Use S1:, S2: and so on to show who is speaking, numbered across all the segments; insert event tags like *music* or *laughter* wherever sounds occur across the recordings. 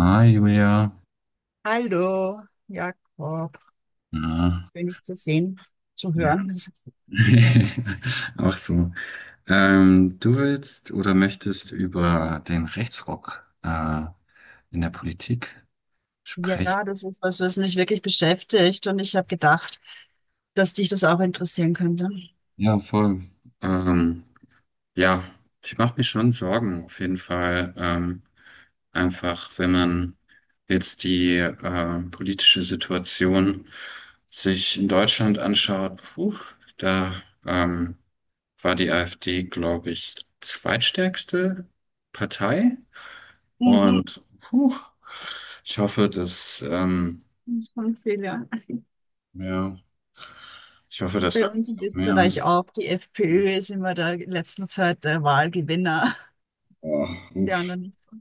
S1: Hi Julia.
S2: Hallo, Jakob,
S1: Ja.
S2: bin ich zu sehen, zu
S1: Ja.
S2: hören.
S1: *laughs* Auch so. Du willst oder möchtest über den Rechtsruck in der Politik
S2: Ja,
S1: sprechen?
S2: das ist was, was mich wirklich beschäftigt und ich habe gedacht, dass dich das auch interessieren könnte.
S1: Ja, voll. Ähm, ja, ich mache mir schon Sorgen auf jeden Fall. Einfach, wenn man jetzt die politische Situation sich in Deutschland anschaut, puh, da ähm, war die AfD, glaube ich, zweitstärkste Partei. Hm.
S2: Mhm,
S1: Und puh, ich hoffe, dass,
S2: das ist schon viel, ja. *laughs*
S1: ja, ich hoffe, dass
S2: Bei uns
S1: wirklich
S2: in
S1: noch mehr.
S2: Österreich auch. Die FPÖ ist immer der in letzter Zeit der Wahlgewinner. *laughs*
S1: Oh,
S2: Die
S1: uff.
S2: anderen nicht so.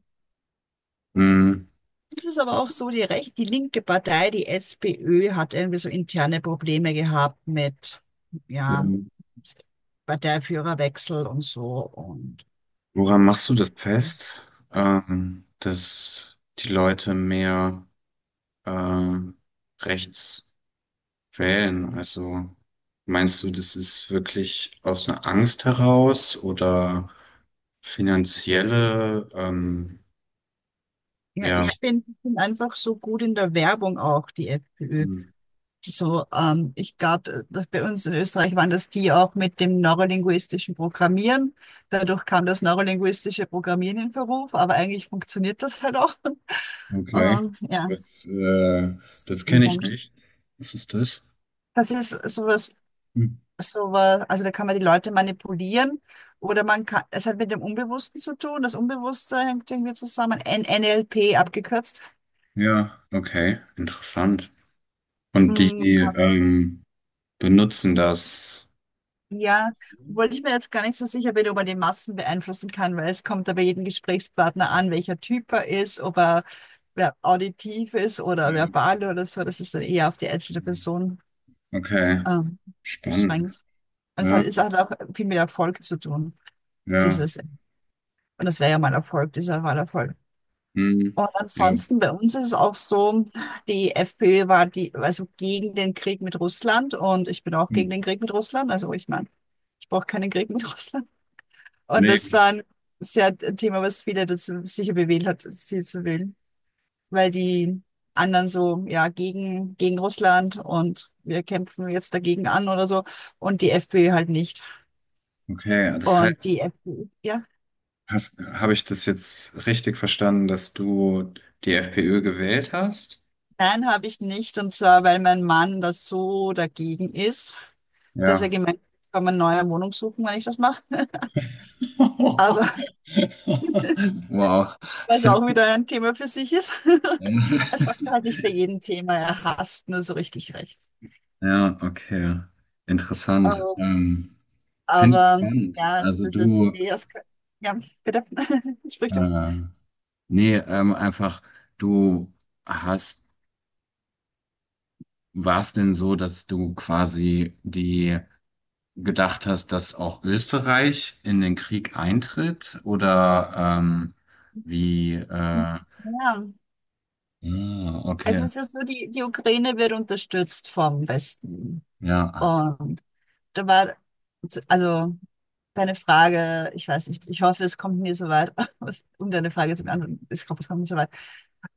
S1: Hm.
S2: Und es ist aber auch so, die linke Partei, die SPÖ, hat irgendwie so interne Probleme gehabt mit, ja,
S1: Ähm,
S2: Parteiführerwechsel und so.
S1: woran machst du das fest, dass die Leute mehr ähm, rechts wählen? Also meinst du, das ist wirklich aus einer Angst heraus oder finanzielle
S2: Ja,
S1: ja,
S2: ich bin einfach so gut in der Werbung auch, die FPÖ.
S1: hm,
S2: Die So, ich glaube, dass bei uns in Österreich waren das die auch mit dem neurolinguistischen Programmieren. Dadurch kam das neurolinguistische Programmieren in Verruf, aber eigentlich funktioniert das halt auch.
S1: okay.
S2: Ja,
S1: Das, äh,
S2: das ist
S1: das
S2: ein
S1: kenne ich
S2: Punkt.
S1: nicht. Was ist das?
S2: Das ist sowas,
S1: Hm.
S2: sowas, also da kann man die Leute manipulieren oder es hat mit dem Unbewussten zu tun. Das Unbewusste hängt irgendwie zusammen. N NLP abgekürzt.
S1: Ja, okay, interessant. Und die
S2: Mm,
S1: ähm, benutzen das.
S2: ja, obwohl ich mir jetzt gar nicht so sicher bin, ob man die Massen beeinflussen kann, weil es kommt ja bei jedem Gesprächspartner an, welcher Typ er ist, ob er auditiv ist oder
S1: Ja.
S2: verbal oder so. Das ist dann eher auf die einzelne Person
S1: Okay,
S2: ähm,
S1: spannend.
S2: beschränkt. Und es
S1: Ja,
S2: hat, es hat auch viel mit Erfolg zu tun,
S1: ja.
S2: dieses. Und das wäre ja mal Erfolg, dieser Wahlerfolg.
S1: Hm.
S2: Und
S1: Ja.
S2: ansonsten bei uns ist es auch so, die FPÖ war die, also gegen den Krieg mit Russland und ich bin auch gegen
S1: Hm.
S2: den Krieg mit Russland. Also ich meine, ich brauche keinen Krieg mit Russland. Und das
S1: Nee,
S2: war sehr ein Thema, was viele dazu sicher bewegt hat, sie zu wählen. Weil die anderen so, ja, gegen Russland und wir kämpfen jetzt dagegen an oder so. Und die FPÖ halt nicht.
S1: okay. Das heißt,
S2: Und die FPÖ, ja.
S1: hast, habe ich das jetzt richtig verstanden, dass du die FPÖ gewählt hast?
S2: Nein, habe ich nicht. Und zwar, weil mein Mann da so dagegen ist, dass er
S1: Ja.
S2: gemeint hat, ich kann mir eine neue Wohnung suchen, wenn ich das mache. *laughs*
S1: *laughs*
S2: Aber
S1: Wow.
S2: was
S1: *laughs*
S2: auch wieder ein Thema für sich ist. *laughs*
S1: Ja,
S2: Er sagt halt
S1: *laughs*
S2: nicht bei jedem Thema, er hasst nur so richtig rechts.
S1: ja, okay. Interessant.
S2: Ähm,
S1: Finde ich
S2: Aber
S1: spannend.
S2: ja, also
S1: Also
S2: das ist
S1: du,
S2: ja, bitte, *laughs* sprich du.
S1: äh, nee, einfach, du hast, war es denn so, dass du quasi die gedacht hast, dass auch Österreich in den Krieg eintritt? Oder ähm, wie,
S2: Ja. Also
S1: okay.
S2: es ist so, die Ukraine wird unterstützt vom Westen.
S1: Ja.
S2: Und da war, also deine Frage, ich weiß nicht, ich hoffe, es kommt mir so weit, *laughs* um deine Frage zu beantworten, ich hoffe, es kommt mir so weit.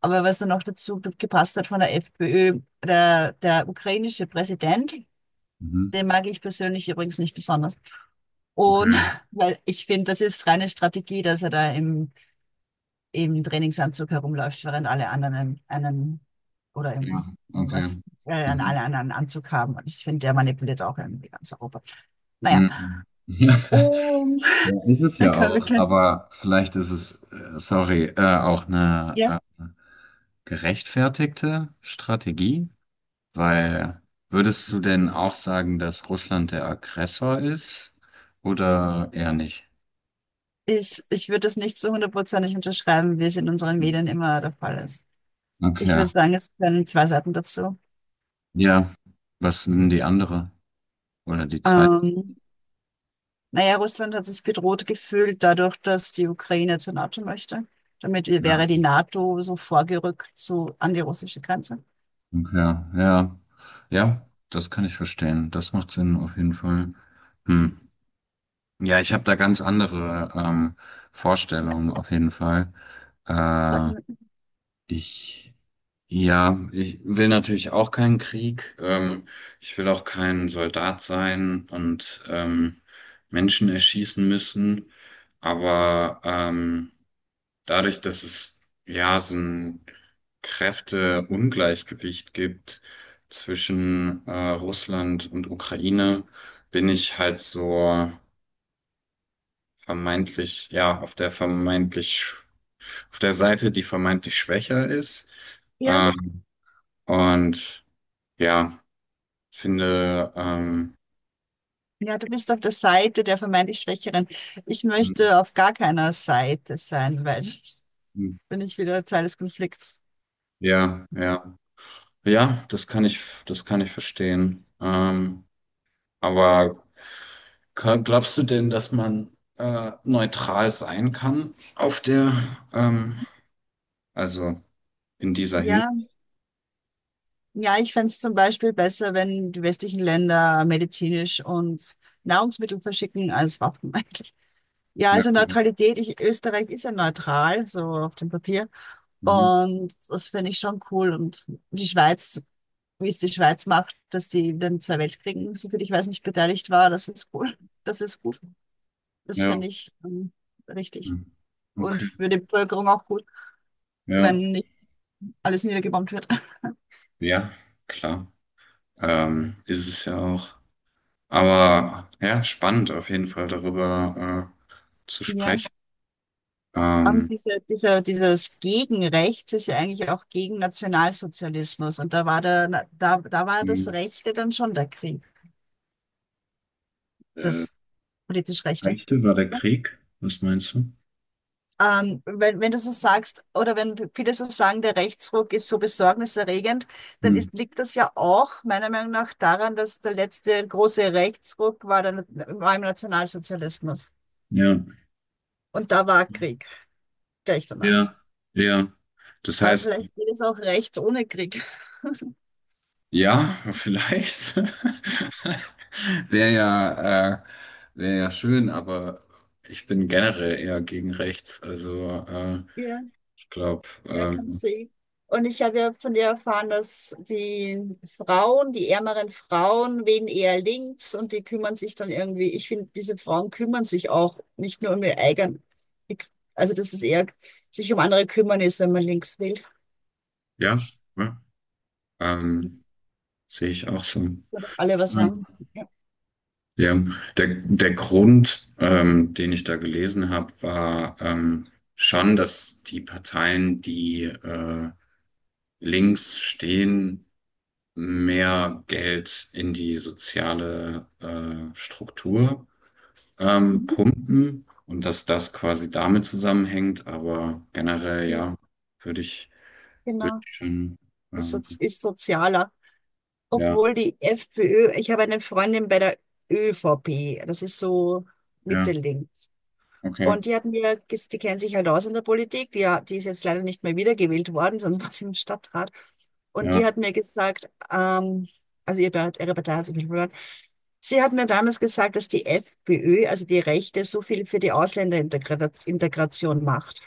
S2: Aber was dann noch dazu gepasst hat von der FPÖ, der ukrainische Präsident.
S1: Mhm.
S2: Den mag ich persönlich übrigens nicht besonders. Und
S1: Okay.
S2: *laughs* weil ich finde, das ist reine Strategie, dass er da im Trainingsanzug herumläuft, während alle anderen einen oder
S1: Ja,
S2: im,
S1: okay. Mhm.
S2: alle anderen einen Anzug haben. Und ich finde, der manipuliert auch irgendwie ganz Europa. Naja.
S1: Mhm.
S2: Und
S1: *laughs* Ja,
S2: *laughs*
S1: ist es
S2: dann
S1: ja
S2: können wir
S1: auch,
S2: kennen.
S1: aber vielleicht ist es, sorry, auch eine
S2: Ja,
S1: gerechtfertigte Strategie, weil würdest du denn auch sagen, dass Russland der Aggressor ist oder eher nicht?
S2: ich würde das nicht zu hundertprozentig unterschreiben, wie es in unseren Medien immer der Fall ist. Ich
S1: Okay,
S2: würde sagen, es werden zwei Seiten dazu.
S1: ja, was sind die andere oder die zweite?
S2: Ähm, Naja, Russland hat sich bedroht gefühlt dadurch, dass die Ukraine zur NATO möchte. Damit
S1: Ja,
S2: wäre die NATO so vorgerückt so an die russische Grenze.
S1: okay, ja, ja, das kann ich verstehen, das macht Sinn auf jeden Fall. Hm. Ja, ich habe da ganz andere Vorstellungen auf jeden Fall.
S2: Sagen
S1: Äh,
S2: wir.
S1: ich, ja, ich will natürlich auch keinen Krieg. Ich will auch kein Soldat sein und Menschen erschießen müssen. Aber dadurch, dass es ja so ein Kräfteungleichgewicht gibt zwischen Russland und Ukraine, bin ich halt so vermeintlich, ja, auf der auf der Seite, die vermeintlich schwächer ist.
S2: Ja,
S1: Ähm, und ja, finde,
S2: ja, du bist auf der Seite der vermeintlich Schwächeren. Ich möchte auf gar keiner Seite sein, weil jetzt bin ich wieder Teil des Konflikts.
S1: ja, ja, ja, das kann ich verstehen. Aber glaubst du denn, dass man neutral sein kann auf der, ähm, also in dieser Hinsicht?
S2: Ja, ja, ich fände es zum Beispiel besser, wenn die westlichen Länder medizinisch und Nahrungsmittel verschicken als Waffen *laughs* eigentlich. Ja,
S1: Ja,
S2: also
S1: ja.
S2: Neutralität. Österreich ist ja neutral, so auf dem Papier.
S1: Mhm.
S2: Und das finde ich schon cool. Und die Schweiz, wie es die Schweiz macht, dass sie in den zwei Weltkriegen, soviel ich weiß, nicht beteiligt war, das ist cool. Das ist gut. Das
S1: Ja,
S2: finde ich richtig.
S1: mhm,
S2: Und
S1: okay,
S2: für die Bevölkerung auch gut,
S1: ja,
S2: wenn nicht alles niedergebombt wird.
S1: ja, klar. Ist es ja auch. Aber ja, spannend auf jeden Fall darüber zu
S2: Ja.
S1: sprechen.
S2: Aber
S1: Ähm,
S2: dieses Gegenrechts ist ja eigentlich auch gegen Nationalsozialismus. Und da war das
S1: hm,
S2: Rechte dann schon der Krieg,
S1: äh,
S2: das politisch Rechte.
S1: Geschichte war der Krieg? Was meinst du?
S2: Wenn du so sagst, oder wenn viele so sagen, der Rechtsruck ist so besorgniserregend,
S1: Hm,
S2: liegt das ja auch meiner Meinung nach daran, dass der letzte große Rechtsruck war im Nationalsozialismus.
S1: ja,
S2: Und da war Krieg gleich danach.
S1: ja, ja. Das
S2: Aber
S1: heißt,
S2: vielleicht geht es auch rechts ohne Krieg.
S1: ja, *laughs* vielleicht. *laughs* Wäre ja, äh, wäre ja schön, aber ich bin generell eher gegen rechts. Also
S2: Ja.
S1: ich glaube,
S2: Ja, kannst du ihn. Und ich habe ja von dir erfahren, dass die Frauen, die ärmeren Frauen, wählen eher links und die kümmern sich dann irgendwie. Ich finde, diese Frauen kümmern sich auch nicht nur um ihr eigen. die- Also, dass es eher sich um andere kümmern ist, wenn man links wählt.
S1: ja, ja, ähm, sehe ich auch so.
S2: So, dass alle was haben. Ja.
S1: Ja, der Grund, den ich da gelesen habe, war schon, dass die Parteien, die links stehen, mehr Geld in die soziale Struktur
S2: Mhm.
S1: pumpen und dass das quasi damit zusammenhängt. Aber generell,
S2: Ja,
S1: ja, würde ich, würde
S2: genau.
S1: ich schon,
S2: Also,
S1: ähm,
S2: es ist sozialer.
S1: ja,
S2: Obwohl die FPÖ, ich habe eine Freundin bei der ÖVP, das ist so
S1: ja,
S2: Mitte-Links.
S1: okay,
S2: Und die hat mir, ges- die kennt sich halt aus in der Politik, die ist jetzt leider nicht mehr wiedergewählt worden, *laughs* sonst war sie im Stadtrat. Und die
S1: ja.
S2: hat mir gesagt, also ihre Partei hat sich nicht verloren. Sie hat mir damals gesagt, dass die FPÖ, also die Rechte, so viel für die Ausländerintegration Integration macht.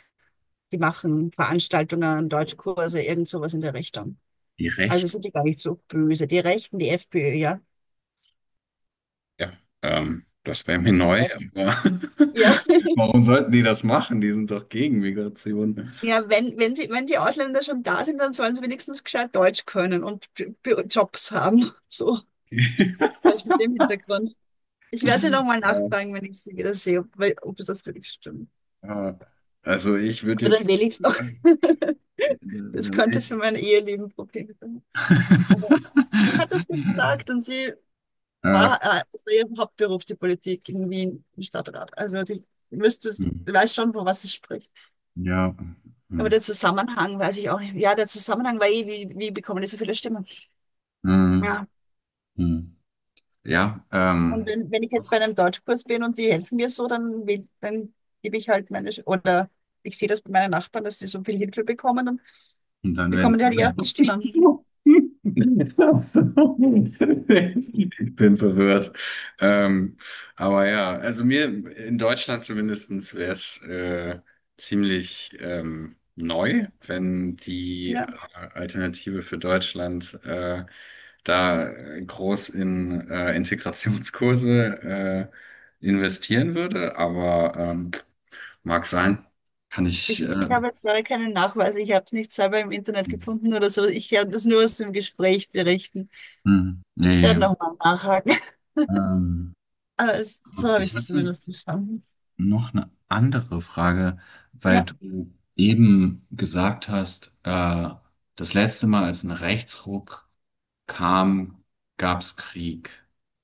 S2: Die machen Veranstaltungen, Deutschkurse, irgend sowas in der Richtung.
S1: Die
S2: Also
S1: Rechte.
S2: sind die gar nicht so böse. Die Rechten, die FPÖ, ja.
S1: Ja, das wäre mir neu.
S2: Was?
S1: Aber
S2: Ja.
S1: *laughs*
S2: *laughs*
S1: warum sollten die das machen? Die sind doch gegen Migration.
S2: Ja, wenn die Ausländer schon da sind, dann sollen sie wenigstens gescheit Deutsch können und Jobs haben. *laughs* So, vielleicht mit
S1: *laughs*
S2: dem Hintergrund. Ich werde sie nochmal
S1: Ja,
S2: nachfragen, wenn ich sie wieder sehe, ob das wirklich stimmt.
S1: ja. Also ich würde
S2: Aber dann wähle
S1: jetzt.
S2: ich es noch.
S1: Äh,
S2: *laughs*
S1: *laughs*
S2: Das
S1: da wär
S2: könnte für
S1: ich.
S2: mein Eheleben Probleme sein. Aber sie hat das
S1: *laughs*
S2: gesagt und
S1: Äh,
S2: das war ihr Hauptberuf, die Politik in Wien im Stadtrat. Also müsste,
S1: hm,
S2: weiß schon, von was sie spricht.
S1: ja.
S2: Aber
S1: Hm,
S2: der Zusammenhang weiß ich auch nicht. Ja, der Zusammenhang war eh, wie bekommen die so viele Stimmen?
S1: hm,
S2: Ja.
S1: hm, hm. Ja,
S2: Und
S1: ähm.
S2: wenn ich jetzt bei einem Deutschkurs bin und die helfen mir so, dann gebe ich halt oder ich sehe das bei meinen Nachbarn, dass sie so viel Hilfe bekommen, dann
S1: Und dann
S2: bekommen
S1: werden
S2: die halt eher
S1: die.
S2: auf die Stimme.
S1: *laughs* Ich bin verwirrt. Ähm, aber ja, also mir in Deutschland zumindestens wäre es ziemlich neu, wenn die
S2: Ja,
S1: Alternative für Deutschland da groß in Integrationskurse investieren würde. Aber mag sein, kann ich.
S2: ich habe jetzt leider keinen Nachweis, ich habe es nicht selber im Internet gefunden oder so. Ich kann das nur aus dem Gespräch berichten.
S1: Hm,
S2: Ich werde
S1: nee.
S2: nochmal nachhaken. *laughs*
S1: Ähm,
S2: Aber so habe ich
S1: ich
S2: es
S1: hatte
S2: zumindest verstanden.
S1: noch eine andere Frage, weil
S2: Ja.
S1: du eben gesagt hast, das letzte Mal, als ein Rechtsruck kam, gab es Krieg,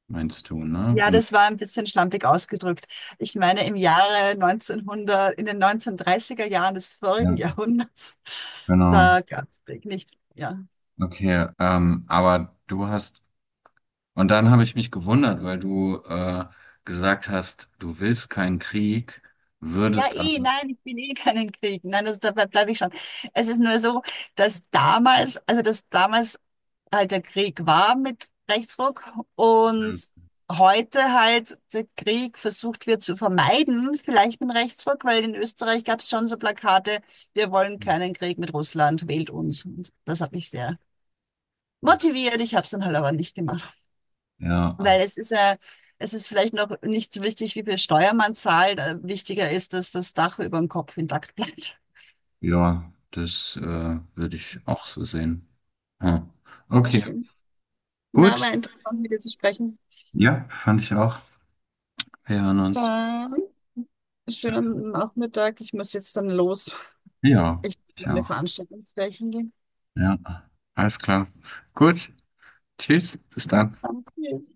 S1: meinst du, ne?
S2: Ja,
S1: Und,
S2: das war ein bisschen schlampig ausgedrückt. Ich meine, im Jahre 1900, in den 1930er Jahren des vorigen *laughs*
S1: ja,
S2: Jahrhunderts,
S1: genau.
S2: da gab es Krieg nicht. Ja.
S1: Okay, aber du hast, und dann habe ich mich gewundert, weil du gesagt hast, du willst keinen Krieg,
S2: Ja,
S1: würdest
S2: eh,
S1: aber,
S2: nein, ich will eh keinen Krieg. Nein, also dabei bleibe ich schon. Es ist nur so, dass damals, also dass damals halt der Krieg war mit Rechtsruck und heute halt der Krieg versucht wird zu vermeiden, vielleicht mit Rechtsruck, weil in Österreich gab es schon so Plakate, wir wollen keinen Krieg mit Russland, wählt uns. Und das hat mich sehr
S1: okay,
S2: motiviert. Ich habe es dann halt aber nicht gemacht, weil
S1: ja,
S2: es ist vielleicht noch nicht so wichtig, wie viel Steuer man zahlt. Wichtiger ist, dass das Dach über dem Kopf intakt bleibt.
S1: ja, das würde ich auch so sehen. Ah,
S2: Sehr
S1: okay,
S2: schön. Na,
S1: gut.
S2: war interessant, mit dir zu sprechen.
S1: Ja, fand ich auch. Wir hören uns.
S2: Dann schönen Nachmittag. Ich muss jetzt dann los.
S1: Ja,
S2: Ich muss
S1: ich
S2: noch eine
S1: auch.
S2: Veranstaltung gleich gehen.
S1: Ja, alles klar. Gut, tschüss, bis dann.
S2: Danke.